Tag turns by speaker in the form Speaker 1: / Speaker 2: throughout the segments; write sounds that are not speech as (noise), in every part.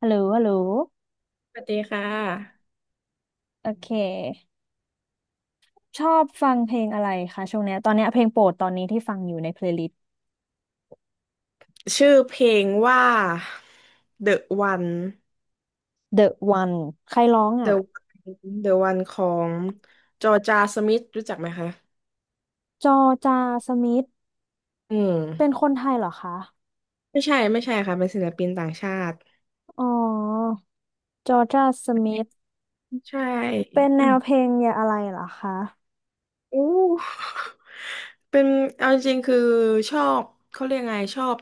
Speaker 1: ฮัลโหลฮัลโหล
Speaker 2: สวัสดีค่ะ
Speaker 1: โอเค ชอบฟังเพลงอะไรคะช่วงเนี้ยตอนเนี้ยเพลงโปรดตอนนี้ที่ฟังอยู่ในเพลย์ลิสต์
Speaker 2: ชื่อเพลงว่า The One
Speaker 1: The One ใครร้องอ่ะ
Speaker 2: The One The One ของจอร์จาสมิธรู้จักไหมคะ
Speaker 1: จอจาสมิธ
Speaker 2: อืม
Speaker 1: เป็นคนไทยเหรอคะ
Speaker 2: ไม่ใช่ไม่ใช่ค่ะเป็นศิลปินต่างชาติ
Speaker 1: อ๋อจอจาสมิธ
Speaker 2: ใช่
Speaker 1: เป็นแน
Speaker 2: อืม
Speaker 1: วเพลงอย่าอะไรเหรอคะ
Speaker 2: อู้ เป็นเอาจริงๆคือชอบเขาเรียกไงชอบ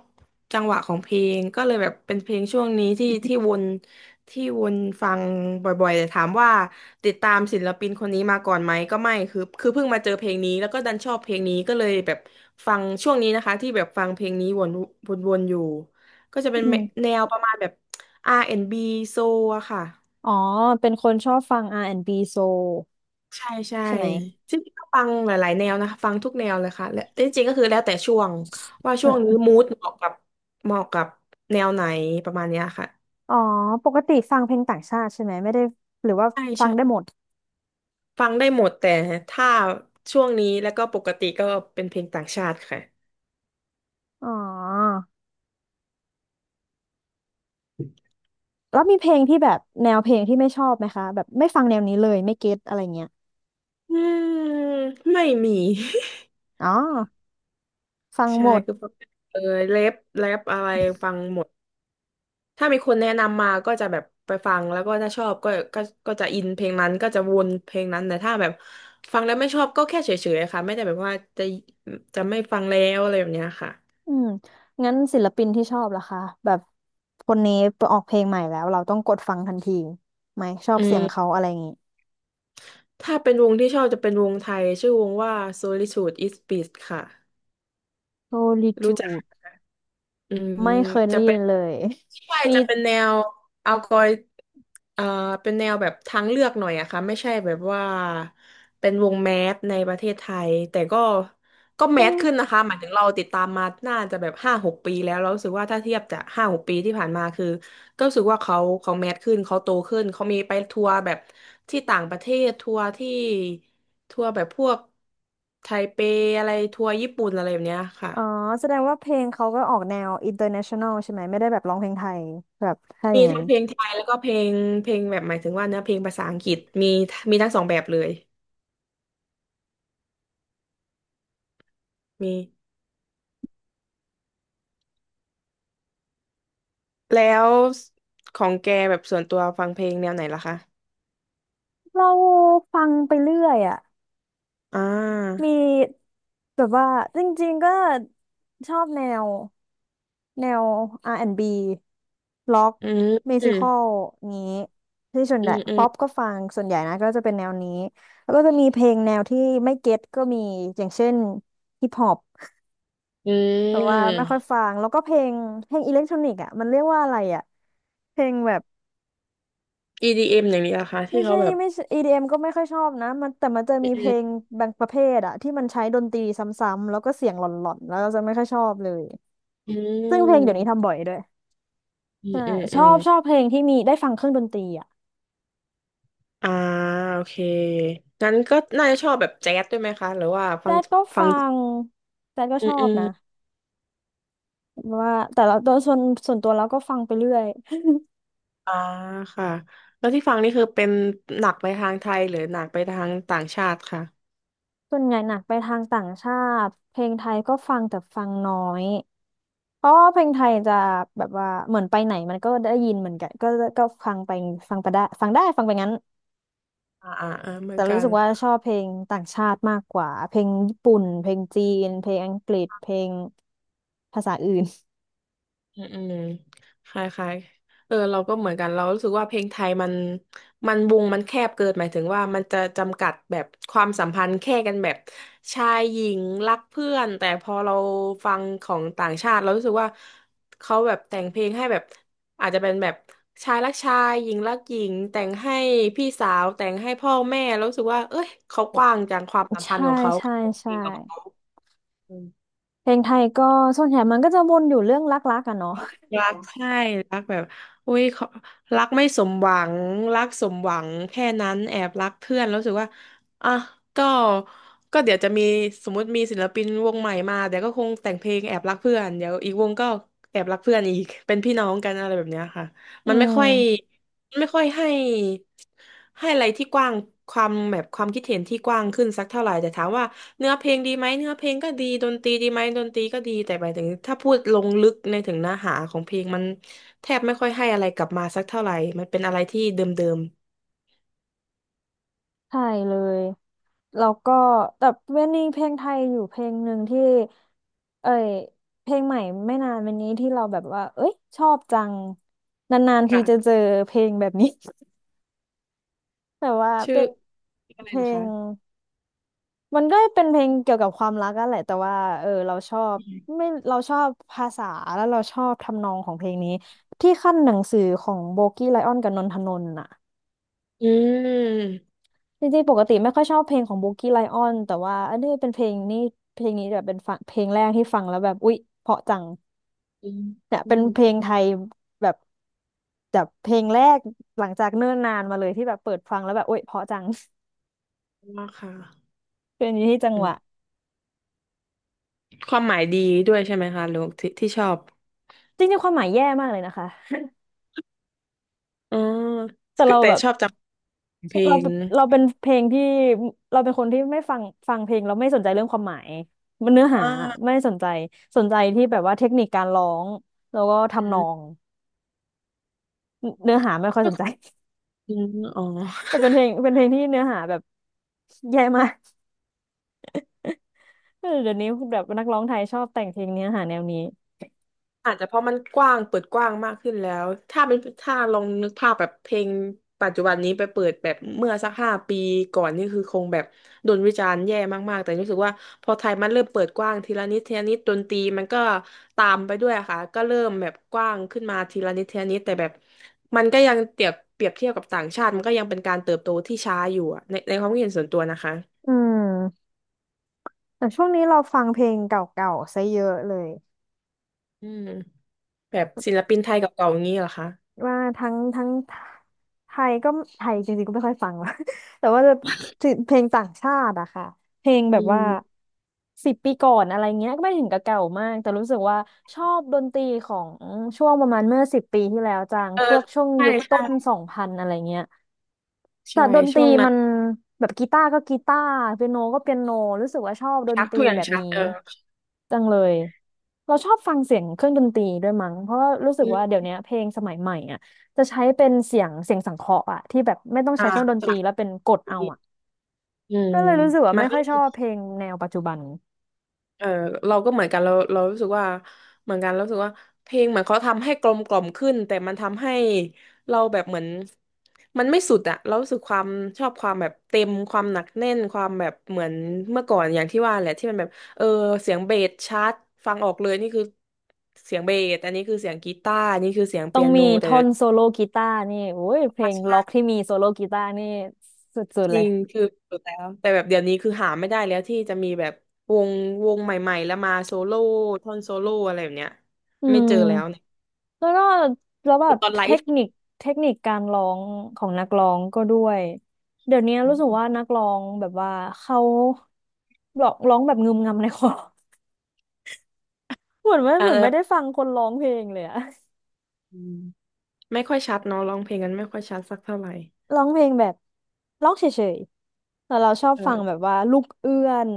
Speaker 2: จังหวะของเพลงก็เลยแบบเป็นเพลงช่วงนี้ที่ (laughs) ที่วนที่วนฟังบ่อยๆแต่ถามว่าติดตามศิลปินคนนี้มาก่อนไหมก็ไม่คือเพิ่งมาเจอเพลงนี้แล้วก็ดันชอบเพลงนี้ก็เลยแบบฟังช่วงนี้นะคะที่แบบฟังเพลงนี้วนวนอยู่ก็จะเป็น
Speaker 1: อืม
Speaker 2: แนวประมาณแบบ R&B โซลอะค่ะ
Speaker 1: อ๋อเป็นคนชอบฟัง R&B Soul
Speaker 2: ใช่ใช่
Speaker 1: ใช่ไหม
Speaker 2: จริงๆก็ฟังหลายๆแนวนะคะฟังทุกแนวเลยค่ะและจริงๆก็คือแล้วแต่ช่วงว่า
Speaker 1: อื
Speaker 2: ช่วงนี้
Speaker 1: ม
Speaker 2: มูดเหมาะกับเหมาะกับแนวไหนประมาณเนี้ยค่ะ
Speaker 1: อ๋อปกติฟังเพลงต่างชาติใช่ไหมไม่ได้หรือว่า
Speaker 2: ใช่
Speaker 1: ฟังได้
Speaker 2: ใช่
Speaker 1: หมด
Speaker 2: ฟังได้หมดแต่ถ้าช่วงนี้แล้วก็ปกติก็เป็นเพลงต่างชาติค่ะ
Speaker 1: อ๋อ แล้วมีเพลงที่แบบแนวเพลงที่ไม่ชอบไหมคะแบบไม่ฟังแนวนี้เลยไม่เก็ตอะไรเงี้ย
Speaker 2: อืมไม่มี
Speaker 1: อ๋อฟัง
Speaker 2: (laughs) ใช่
Speaker 1: หมด
Speaker 2: คือฟังเออแรปอะไรฟังหมด ถ้ามีคนแนะนำมาก็จะแบบไปฟังแล้วก็ถ้าชอบก็ก็จะอินเพลงนั้นก็จะวนเพลงนั้นแต่ถ้าแบบฟังแล้วไม่ชอบก็แค่เฉยๆค่ะไม่ได้แบบว่าจะจะไม่ฟังแล้วอะไรแบบเนี้ยค่ะ
Speaker 1: อืมงั้นศิลปินที่ชอบล่ะคะแบบคนนี้ออกเพลงใหม่แล้วเราต้องกดฟังทันทีไหมชอบ
Speaker 2: อื
Speaker 1: เสียงเขา
Speaker 2: ม
Speaker 1: อะไรอย่างงี้
Speaker 2: ถ้าเป็นวงที่ชอบจะเป็นวงไทยชื่อวงว่า Solitude is Bliss ค่ะ
Speaker 1: โซลิ
Speaker 2: รู้
Speaker 1: จู
Speaker 2: จัก
Speaker 1: ด
Speaker 2: อืม
Speaker 1: ไม่เคยได้
Speaker 2: จะ
Speaker 1: ยิ
Speaker 2: เป็น
Speaker 1: นเลย
Speaker 2: ใช่
Speaker 1: (laughs) มี
Speaker 2: จะเป็นแนวเอากอยเอ่อเป็นแนวแบบทางเลือกหน่อยอะค่ะไม่ใช่แบบว่าเป็นวงแมสในประเทศไทยแต่ก็ก็แม
Speaker 1: เป็น
Speaker 2: สขึ้นนะคะหมายถึงเราติดตามมาน่าจะแบบห้าหกปีแล้วเรารู้สึกว่าถ้าเทียบจากห้าหกปีที่ผ่านมาคือก็รู้สึกว่าเขาแมสขึ้นเขาโตขึ้นเขามีไปทัวร์แบบที่ต่างประเทศทัวร์ที่ทัวร์แบบพวกไทเปอะไรทัวร์ญี่ปุ่นอะไรแบบเนี้ยค่ะ
Speaker 1: อ๋อแสดงว่าเพลงเขาก็ออกแนว international ใช่ไหมไม่ได้แบบร้องเพลงไทยแบบถ้าอ
Speaker 2: มี
Speaker 1: ย่างนั้
Speaker 2: ทั้
Speaker 1: น
Speaker 2: งเพลงไทยแล้วก็เพลงเพลงแบบหมายถึงว่าเนื้อเพลงภาษาอังกฤษมีมีทั้งสองแบบเลยมีแล้วของแกแบบส่วนตัวฟังเพลงแนวไหนล่ะคะ
Speaker 1: เราฟังไปเรื่อยอะ
Speaker 2: อ่
Speaker 1: มี
Speaker 2: า
Speaker 1: แบบว่าจริงๆก็ชอบแนวแนว R&B ล็อก
Speaker 2: อืม
Speaker 1: มิว
Speaker 2: อื
Speaker 1: สิ
Speaker 2: ม
Speaker 1: คอลนี้ที่ส่วน
Speaker 2: อื
Speaker 1: ใหญ่
Speaker 2: มอืม
Speaker 1: ป๊อปก็ฟังส่วนใหญ่นะก็จะเป็นแนวนี้แล้วก็จะมีเพลงแนวที่ไม่เก็ตก็มีอย่างเช่นฮิปฮอป
Speaker 2: อื
Speaker 1: แบบว่า
Speaker 2: ม
Speaker 1: ไม่ค่อยฟังแล้วก็เพลงเพลงอิเล็กทรอนิกส์อ่ะมันเรียกว่าอะไรอ่ะเพลงแบบ
Speaker 2: EDM อมอย่างนี้ล่ะคะที่
Speaker 1: ไม่
Speaker 2: เขา
Speaker 1: ใช่
Speaker 2: แบบ
Speaker 1: ไม่ใช่ EDM ก็ไม่ค่อยชอบนะมันแต่มันจะ
Speaker 2: อื
Speaker 1: มีเพลง
Speaker 2: ม
Speaker 1: บางประเภทอะที่มันใช้ดนตรีซ้ำๆแล้วก็เสียงหล่อนๆแล้วเราจะไม่ค่อยชอบเลย
Speaker 2: อื
Speaker 1: ซึ่งเพลงเดี๋ยวนี้
Speaker 2: ม
Speaker 1: ทำบ่อยด้วย
Speaker 2: อื
Speaker 1: ใช่
Speaker 2: มอืม
Speaker 1: ช
Speaker 2: อื
Speaker 1: อ
Speaker 2: ม
Speaker 1: บชอบเพลงที่มีได้ฟังเครื่องดนตรีอะ
Speaker 2: อ่าโอเคงั้นก็น่าจะชอบแบบแจ๊สด้วยไหมคะหรือว่าฟั
Speaker 1: แจ๊
Speaker 2: ง
Speaker 1: ดก็
Speaker 2: ฟั
Speaker 1: ฟั
Speaker 2: ง
Speaker 1: งแจ๊ดก็
Speaker 2: อื
Speaker 1: ช
Speaker 2: ม
Speaker 1: อ
Speaker 2: อื
Speaker 1: บ
Speaker 2: ม
Speaker 1: นะว่าแต่เราโดยส่วนส่วนตัวเราก็ฟังไปเรื่อย
Speaker 2: อ่าค่ะแล้วที่ฟังนี่คือเป็นหนักไปทางไทยหรือหนักไปทางต่างชาติค่ะ
Speaker 1: ส่วนใหญ่หนักไปทางต่างชาติเพลงไทยก็ฟังแต่ฟังน้อยเพราะว่าเพลงไทยจะแบบว่าเหมือนไปไหนมันก็ได้ยินเหมือนกันก็ก็ฟังไปฟังไปได้ฟังได้ฟังไปงั้น
Speaker 2: อ่าอ่าเออเหมือ
Speaker 1: แต่
Speaker 2: นกั
Speaker 1: รู้
Speaker 2: น
Speaker 1: สึกว่าชอบเพลงต่างชาติมากกว่าเพลงญี่ปุ่นเพลงจีนเพลงอังกฤษเพลงภาษาอื่น
Speaker 2: อืมอืมคล้ายๆเออเราก็เหมือนกันเรารู้สึกว่าเพลงไทยมันมันวงมันแคบเกินหมายถึงว่ามันจะจำกัดแบบความสัมพันธ์แค่กันแบบชายหญิงรักเพื่อนแต่พอเราฟังของต่างชาติเรารู้สึกว่าเขาแบบแต่งเพลงให้แบบอาจจะเป็นแบบชายรักชายหญิงรักหญิงแต่งให้พี่สาวแต่งให้พ่อแม่แล้วรู้สึกว่าเอ้ยเขากว้างจังความสัม
Speaker 1: (laughs)
Speaker 2: พัน
Speaker 1: ใช่
Speaker 2: ธ์ของเขา
Speaker 1: ใช่ใช่เพลงไทยก็ส่วนใหญ่มันก็จะวนอยู่เรื่องรักๆกันเนาะ
Speaker 2: รักใช่รักแบบอุ้ยเขารักไม่สมหวังรักสมหวังแค่นั้นแอบรักเพื่อนแล้วรู้สึกว่าอ่ะก็ก็เดี๋ยวจะมีสมมติมีศิลปินวงใหม่มาเดี๋ยวก็คงแต่งเพลงแอบรักเพื่อนเดี๋ยวอีกวงก็แอบรักเพื่อนอีกเป็นพี่น้องกันอะไรแบบเนี้ยค่ะ
Speaker 1: (laughs) อื
Speaker 2: มันไม่
Speaker 1: ม
Speaker 2: ค่อยมันไม่ค่อยให้ให้อะไรที่กว้างความแบบความคิดเห็นที่กว้างขึ้นสักเท่าไหร่แต่ถามว่าเนื้อเพลงดีไหมเนื้อเพลงก็ดีดนตรีดีไหมดนตรีก็ดีแต่หมายถึงถ้าพูดลงลึกในถึงเนื้อหาของเพลงมันแทบไม่ค่อยให้อะไรกลับมาสักเท่าไหร่มันเป็นอะไรที่เดิม
Speaker 1: ใช่เลยแล้วก็แต่เวนนี่เพลงไทยอยู่เพลงหนึ่งที่เอ้ยเพลงใหม่ไม่นานวันนี้ที่เราแบบว่าเอ้ยชอบจังนานๆ
Speaker 2: ๆ
Speaker 1: ที
Speaker 2: ค่ะ
Speaker 1: จะเจอเพลงแบบนี้ (laughs) แต่ว่า
Speaker 2: ชื่อ
Speaker 1: เป็น
Speaker 2: อะ
Speaker 1: เพ
Speaker 2: ไร
Speaker 1: ล
Speaker 2: ล่ะคะ
Speaker 1: ง มันก็เป็นเพลงเกี่ยวกับความรักกันแหละแต่ว่าเออเราชอบ
Speaker 2: อืม
Speaker 1: ไม่เราชอบภาษาแล้วเราชอบทำนองของเพลงนี้ที่ขั้นหนังสือของโบกี้ไลออนกับนนทนนท์น่ะ
Speaker 2: อืม
Speaker 1: จริงๆปกติไม่ค่อยชอบเพลงของโบกี้ไลออนแต่ว่าอันนี้เป็นเพลงนี่เพลงนี้แบบเป็นฟังเพลงแรกที่ฟังแล้วแบบอุ๊ยเพราะจัง
Speaker 2: อืม
Speaker 1: เนี่ยเป็นเพลงไทยแบบแบบเพลงแรกหลังจากเนิ่นนานมาเลยที่แบบเปิดฟังแล้วแบบอุ๊ยเพราะจัง (laughs)
Speaker 2: ว่าค่ะ
Speaker 1: เพลงนี้ที่จัง
Speaker 2: อื
Speaker 1: ห
Speaker 2: ม
Speaker 1: วะ
Speaker 2: ความหมายดีด้วยใช่ไหมคะลูกอที่ที่ชอบ
Speaker 1: จริงๆความหมายแย่มากเลยนะคะ
Speaker 2: อ๋อ
Speaker 1: แต่
Speaker 2: คือ
Speaker 1: เรา
Speaker 2: แต่
Speaker 1: แบบ
Speaker 2: ชอบจำเพล
Speaker 1: เรา
Speaker 2: ง
Speaker 1: เราเป็นเพลงที่เราเป็นคนที่ไม่ฟังฟังเพลงเราไม่สนใจเรื่องความหมายมันเนื้อหา
Speaker 2: อ่า
Speaker 1: ไม่สนใจสนใจที่แบบว่าเทคนิคการร้องแล้วก็ทำนอง
Speaker 2: (laughs)
Speaker 1: เนื้อหาไม่ค่อย
Speaker 2: ก็
Speaker 1: สนใจ
Speaker 2: คืออ๋อ
Speaker 1: (laughs) แต่เป็นเพลงเป็นเพลงที่เนื้อหาแบบแย่มาก (laughs) เออเดี๋ยวนี้แบบนักร้องไทยชอบแต่งเพลงเนื้อหาแนวนี้
Speaker 2: อาจจะเพราะมันกว้างเปิดกว้างมากขึ้นแล้วถ้าเป็นถ้าลองนึกภาพแบบเพลงปัจจุบันนี้ไปเปิดแบบเมื่อสัก5 ปีก่อนนี่คือคงแบบโดนวิจารณ์แย่มากๆแต่รู้สึกว่าพอไทยมันเริ่มเปิดกว้างทีละนิดทีละนิดดนตรีมันก็ตามไปด้วยค่ะก็เริ่มแบบกว้างขึ้นมาทีละนิดทีละนิดแต่แบบมันก็ยังเปรียบเทียบกับต่างชาติมันก็ยังเป็นการเติบโตที่ช้าอยู่อะในในความคิดเห็นส่วนตัวนะคะ
Speaker 1: อืมแต่ช่วงนี้เราฟังเพลงเก่าๆซะเยอะเลย
Speaker 2: อืมแบบศิลปินไทยกับเก่าอย่างนี้เหรอคะ
Speaker 1: ว่าทั้งทั้งไทยก็ไทยจริงๆก็ไม่ค่อยฟังว่ะ (laughs) แต่ว่าจะเพลงต่างชาติอะค่ะเพลงแบ
Speaker 2: อื
Speaker 1: บว่า
Speaker 2: ม
Speaker 1: สิบปีก่อนอะไรเงี้ยก็ไม่ถึงกับเก่ามากแต่รู้สึกว่าชอบดนตรีของช่วงประมาณเมื่อสิบปีที่แล้วจัง
Speaker 2: เออ
Speaker 1: พวกช่วง
Speaker 2: ใช่
Speaker 1: ยุคต้
Speaker 2: ใช่
Speaker 1: นสองพันอะไรเงี้ยแต่
Speaker 2: ใช่
Speaker 1: ดนตรี
Speaker 2: ช่วงนั้
Speaker 1: มั
Speaker 2: น
Speaker 1: นแบบกีตาร์ก็กีตาร์เปียโนก็เปียโนรู้สึกว่าชอบดน
Speaker 2: ชัด
Speaker 1: ตรี
Speaker 2: ทุกอย่าง
Speaker 1: แบบ
Speaker 2: ชัด
Speaker 1: นี้
Speaker 2: เออ
Speaker 1: จังเลยเราชอบฟังเสียงเครื่องดนตรีด้วยมั้งเพราะว่ารู้สึกว่าเดี๋
Speaker 2: อืม
Speaker 1: ยวนี้เพลงสมัยใหม่อ่ะจะใช้เป็นเสียงเสียงสังเคราะห์อ่ะที่แบบไม่ต้อง
Speaker 2: อ่า
Speaker 1: ใช้เครื่องดนต
Speaker 2: จา
Speaker 1: รี
Speaker 2: ก
Speaker 1: แล้วเป็นกดเอา
Speaker 2: นี้
Speaker 1: อ่ะ
Speaker 2: อืม
Speaker 1: ก็เลยรู้สึกว่า
Speaker 2: มัน
Speaker 1: ไม่ค่
Speaker 2: ก็
Speaker 1: อยชอบเพลงแนวปัจจุบัน
Speaker 2: เออเราก็เหมือนกันเรารู้สึกว่าเหมือนกันเรารู้สึกว่าเพลงเหมือนเขาทำให้กลมกล่อมขึ้นแต่มันทำให้เราแบบเหมือนมันไม่สุดอะเรารู้สึกความชอบความแบบเต็มความหนักแน่นความแบบเหมือนเมื่อก่อนอย่างที่ว่าแหละที่มันแบบเออเสียงเบสชัดฟังออกเลยนี่คือเสียงเบสอันนี้คือเสียงกีตาร์อันนี่คือเสียง
Speaker 1: ต้อ
Speaker 2: เปี
Speaker 1: ง
Speaker 2: ยโน
Speaker 1: มี
Speaker 2: แต่
Speaker 1: ท่อนโซโล่กีตาร์นี่โอ้ยเพลง
Speaker 2: ใช่
Speaker 1: ล็อกที่มีโซโล่กีตาร์นี่สุด
Speaker 2: จ
Speaker 1: ๆเล
Speaker 2: ริ
Speaker 1: ย
Speaker 2: งคือสุดแล้วแต่แบบเดี๋ยวนี้คือหาไม่ได้แล้วที่จะมีแบบวงวงใหม่ๆแล้วมาโซโล่ท่อนโซโล่อะไรแบบเนี้ย
Speaker 1: อื
Speaker 2: ไม่
Speaker 1: ม
Speaker 2: เจอแล้วเนี่ย
Speaker 1: แล้วก็แล้วแบ
Speaker 2: คือ
Speaker 1: บ
Speaker 2: ตอนไล
Speaker 1: เทค
Speaker 2: ฟ์
Speaker 1: นิคเทคนิคการร้องของนักร้องก็ด้วยเดี๋ยวนี้รู้สึกว่านักร้องแบบว่าเขาร้องแบบงึมงำในคอ (laughs) เหมือนไม่
Speaker 2: (laughs)
Speaker 1: เห
Speaker 2: เอ
Speaker 1: มือน
Speaker 2: อ
Speaker 1: ไม่ได้ฟังคนร้องเพลงเลยอะ
Speaker 2: อืมไม่ค่อยชัดเนาะร้องเพลงกันไม่ค่อยชัดสักเท่าไหร่
Speaker 1: (laughs) ร้องเพลงแบบร้องเฉยๆแต่เราชอบ
Speaker 2: เอ
Speaker 1: ฟัง
Speaker 2: อ
Speaker 1: แบบว่าลูกเอื้อน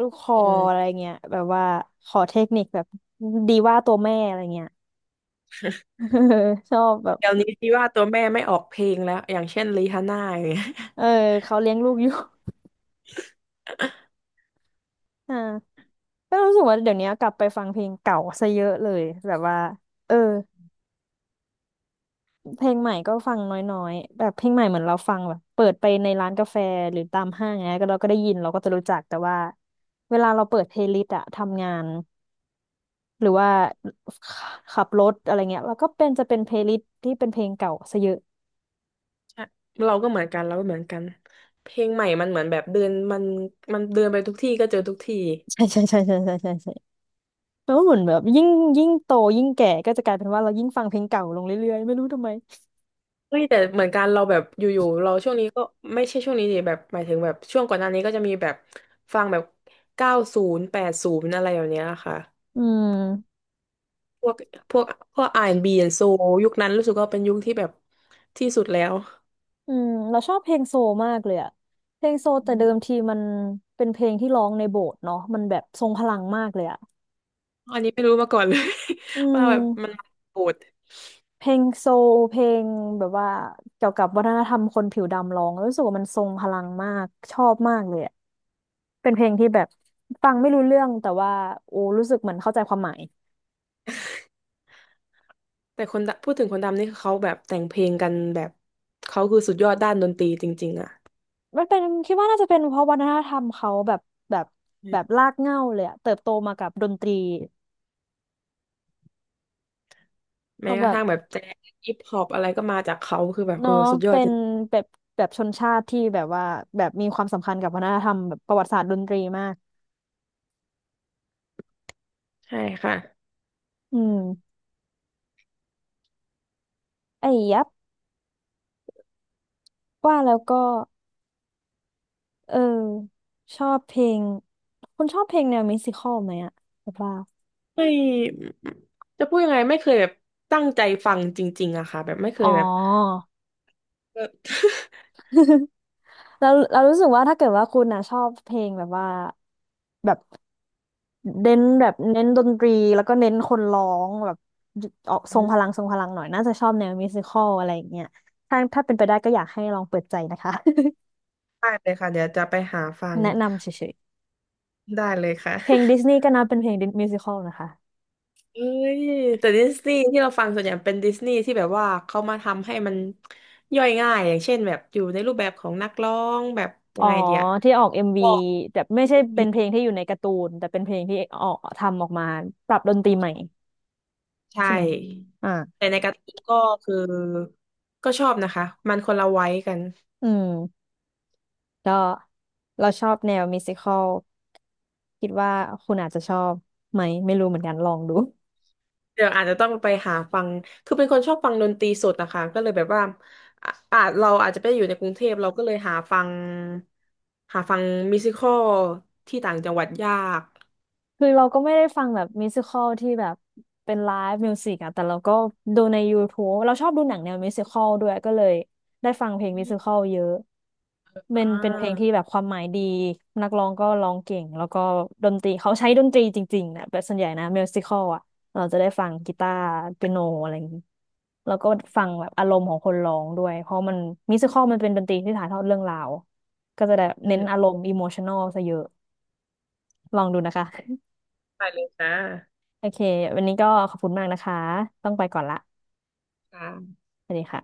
Speaker 1: ลูกคอ
Speaker 2: เออ
Speaker 1: อะไรเงี้ยแบบว่าขอเทคนิคแบบดีว่าตัวแม่อะไรเงี้ย (laughs) ชอบแบบ
Speaker 2: เดี๋ยวนี้ที่ว่าตัวแม่ไม่ออกเพลงแล้วอย่างเช่นริฮาน่าอย่างเงี้ย (laughs)
Speaker 1: เออเขาเลี้ยงลูกอยู่ อ่าก็รู้สึกว่าเดี๋ยวนี้กลับไปฟังเพลงเก่าซะเยอะเลยแบบว่าเออเพลงใหม่ก็ฟังน้อยๆแบบเพลงใหม่เหมือนเราฟังแบบเปิดไปในร้านกาแฟหรือตามห้างเนี้ยก็เราก็ได้ยินเราก็จะรู้จักแต่ว่าเวลาเราเปิดเพลย์ลิสต์อะทำงานหรือว่าขับรถอะไรเงี้ยเราก็เป็นจะเป็นเพลย์ลิสต์ที่เป็นเพลงเก่าซะเยอะ
Speaker 2: ใช่เราก็เหมือนกันเราก็เหมือนกันเพลงใหม่มันเหมือนแบบเดินมันมันเดินไปทุกที่ก็เจอทุกที่
Speaker 1: ใช่ใช่ใช่ใช่ใช่ใช่ใช่แล้วเหมือนแบบยิ่งโตยิ่งแก่ก็จะกลายเป็นว่าเรายิ่งฟังเพลงเก่าลงเรื่อยๆไม่รู้ทำไม
Speaker 2: เฮ้ยแต่เหมือนกันเราแบบอยู่ๆเราช่วงนี้ก็ไม่ใช่ช่วงนี้ดิแบบหมายถึงแบบช่วงก่อนหน้านี้ก็จะมีแบบฟังแบบ90 80อะไรอย่างเนี้ยค่ะ
Speaker 1: อืม
Speaker 2: พวกพวกพวก R&B and Soul ยุคนั้นรู้สึกว่าเป็นยุคที่แบบที่สุดแล้ว
Speaker 1: อืมเราชอบเพลงโซลมากเลยอะเพลงโซลแต่เดิมทีมันเป็นเพลงที่ร้องในโบสถ์เนาะมันแบบทรงพลังมากเลยอะ
Speaker 2: อันนี้ไม่รู้มาก่อนเลย
Speaker 1: อื
Speaker 2: (laughs) ว่าแบบมัน
Speaker 1: ม
Speaker 2: โหด
Speaker 1: เพลงโซลเพลงแบบว่าเกี่ยวกับวัฒนธรรมคนผิวดำร้องแล้วรู้สึกว่ามันทรงพลังมากชอบมากเลยอะเป็นเพลงที่แบบฟังไม่รู้เรื่องแต่ว่าโอ้รู้สึกเหมือนเข้าใจความหมาย
Speaker 2: แต่คนดำพูดถึงคนดำนี่คือเขาแบบแต่งเพลงกันแบบเขาคือสุดยอดด้านดนตรีจริงๆอ่ะ
Speaker 1: มันเป็นคิดว่าน่าจะเป็นเพราะวัฒนธรรมเขาแบบแบบ
Speaker 2: อื
Speaker 1: แบบ
Speaker 2: ม
Speaker 1: รากเหง้าเลยอะเติบโตมากับดนตรีเขา
Speaker 2: แม้ก
Speaker 1: แบ
Speaker 2: ระ
Speaker 1: บ
Speaker 2: ทั่งแบบแจ๊สฮิปฮอปอะไรก็มาจากเขาคือแบบเออ
Speaker 1: เนาะ
Speaker 2: สุดยอ
Speaker 1: เป็
Speaker 2: ดจ
Speaker 1: น
Speaker 2: ริง
Speaker 1: แบบแบบชนชาติที่แบบว่าแบบมีความสำคัญกับวัฒนธรรมแบบประวัติศาสตร์ดนตรีมาก
Speaker 2: ใช่ค่ะ
Speaker 1: อืมไอ้ยับว่าแล้วก็เออชอบเพลงคุณชอบเพลงแนวมิวสิคอลไหมอะแบบว่า
Speaker 2: ไม่จะพูดยังไงไม่เคยแบบตั้งใจฟังจริงๆอะค่ะแบบไม่เค
Speaker 1: อ๋
Speaker 2: ยแบบ
Speaker 1: อ
Speaker 2: เออ (laughs)
Speaker 1: (laughs) แล้วเรารู้สึกว่าถ้าเกิดว่าคุณนะชอบเพลงแบบว่าแบบเน้นดนตรีแล้วก็เน้นคนร้องแบบออกทรง
Speaker 2: อื
Speaker 1: พลัง
Speaker 2: ม
Speaker 1: ทรงพลังหน่อยน่าจะชอบแนวมิวสิคอลอะไรอย่างเงี้ยถ้าเป็นไปได้ก็อยากให้ลองเปิดใจนะคะ
Speaker 2: ได้เลยค่ะเดี๋ยวจะไปหาฟัง
Speaker 1: แนะนำเฉย
Speaker 2: ได้เลยค่ะ
Speaker 1: ๆ เพลง
Speaker 2: (laughs)
Speaker 1: ดิสนีย์ก็นับเป็นเพลงมิวสิคอลนะคะ
Speaker 2: เอ้ยแต่ดิสนีย์ที่เราฟังส่วนใหญ่เป็นดิสนีย์ที่แบบว่าเขามาทำให้มันย่อยง่ายอย่างเช่นแบบอยู่ในรูปแบบของนักร้องแบบยั
Speaker 1: อ๋อ
Speaker 2: งไงเดีย
Speaker 1: ที่ออกเอ็มวี
Speaker 2: ก็
Speaker 1: แต่ไม่ใช่เป็
Speaker 2: อี
Speaker 1: น
Speaker 2: ก
Speaker 1: เพลงที่อยู่ในการ์ตูนแต่เป็นเพลงที่ออกทำออกมาปรับดนตรีใหม่
Speaker 2: ใช่
Speaker 1: ใช่ไหมอ่า
Speaker 2: แต่ในการ์ตูนก็คือก็ชอบนะคะมันคนละไว้กัน
Speaker 1: อืมก็เราชอบแนวมิวสิคอลคิดว่าคุณอาจจะชอบไหมไม่รู้เหมือนกันลองดู
Speaker 2: เดี๋ยวอาจจะต้องไปหาฟัง คือเป็นคนชอบฟังดนตรีสดนะคะ ก็เลยแบบว่าอ่ะอาจเราอาจจะไปอยู่ในกรุงเทพเราก็เลยหาฟัง หาฟังมิวสิคอลที่ต่างจังหวัดยาก
Speaker 1: คือเราก็ไม่ได้ฟังแบบมิวสิคอลที่แบบเป็นไลฟ์มิวสิกอะแต่เราก็ดูใน YouTube เราชอบดูหนังแนวมิวสิคอลด้วยก็เลยได้ฟังเพลงมิวสิคอลเยอะ
Speaker 2: อ่
Speaker 1: เป็นเพลงที่
Speaker 2: า
Speaker 1: แบบความหมายดีนักร้องก็ร้องเก่งแล้วก็ดนตรีเขาใช้ดนตรีจริงๆนะแบบส่วนใหญ่นะมิวสิคอลอะเราจะได้ฟังกีตาร์เปียโนอะไรอย่างนี้แล้วก็ฟังแบบอารมณ์ของคนร้องด้วยเพราะมันมิวสิคอลมันเป็นดนตรีที่ถ่ายทอดเรื่องราวก็จะได้
Speaker 2: อื
Speaker 1: เน้นอาร
Speaker 2: ม
Speaker 1: มณ์อิโมชันอลซะเยอะลองดูนะคะ
Speaker 2: ไปเลยจ้า
Speaker 1: โอเควันนี้ก็ขอบคุณมากนะคะต้องไปก่อนละ
Speaker 2: ค่ะ
Speaker 1: สวัสดีค่ะ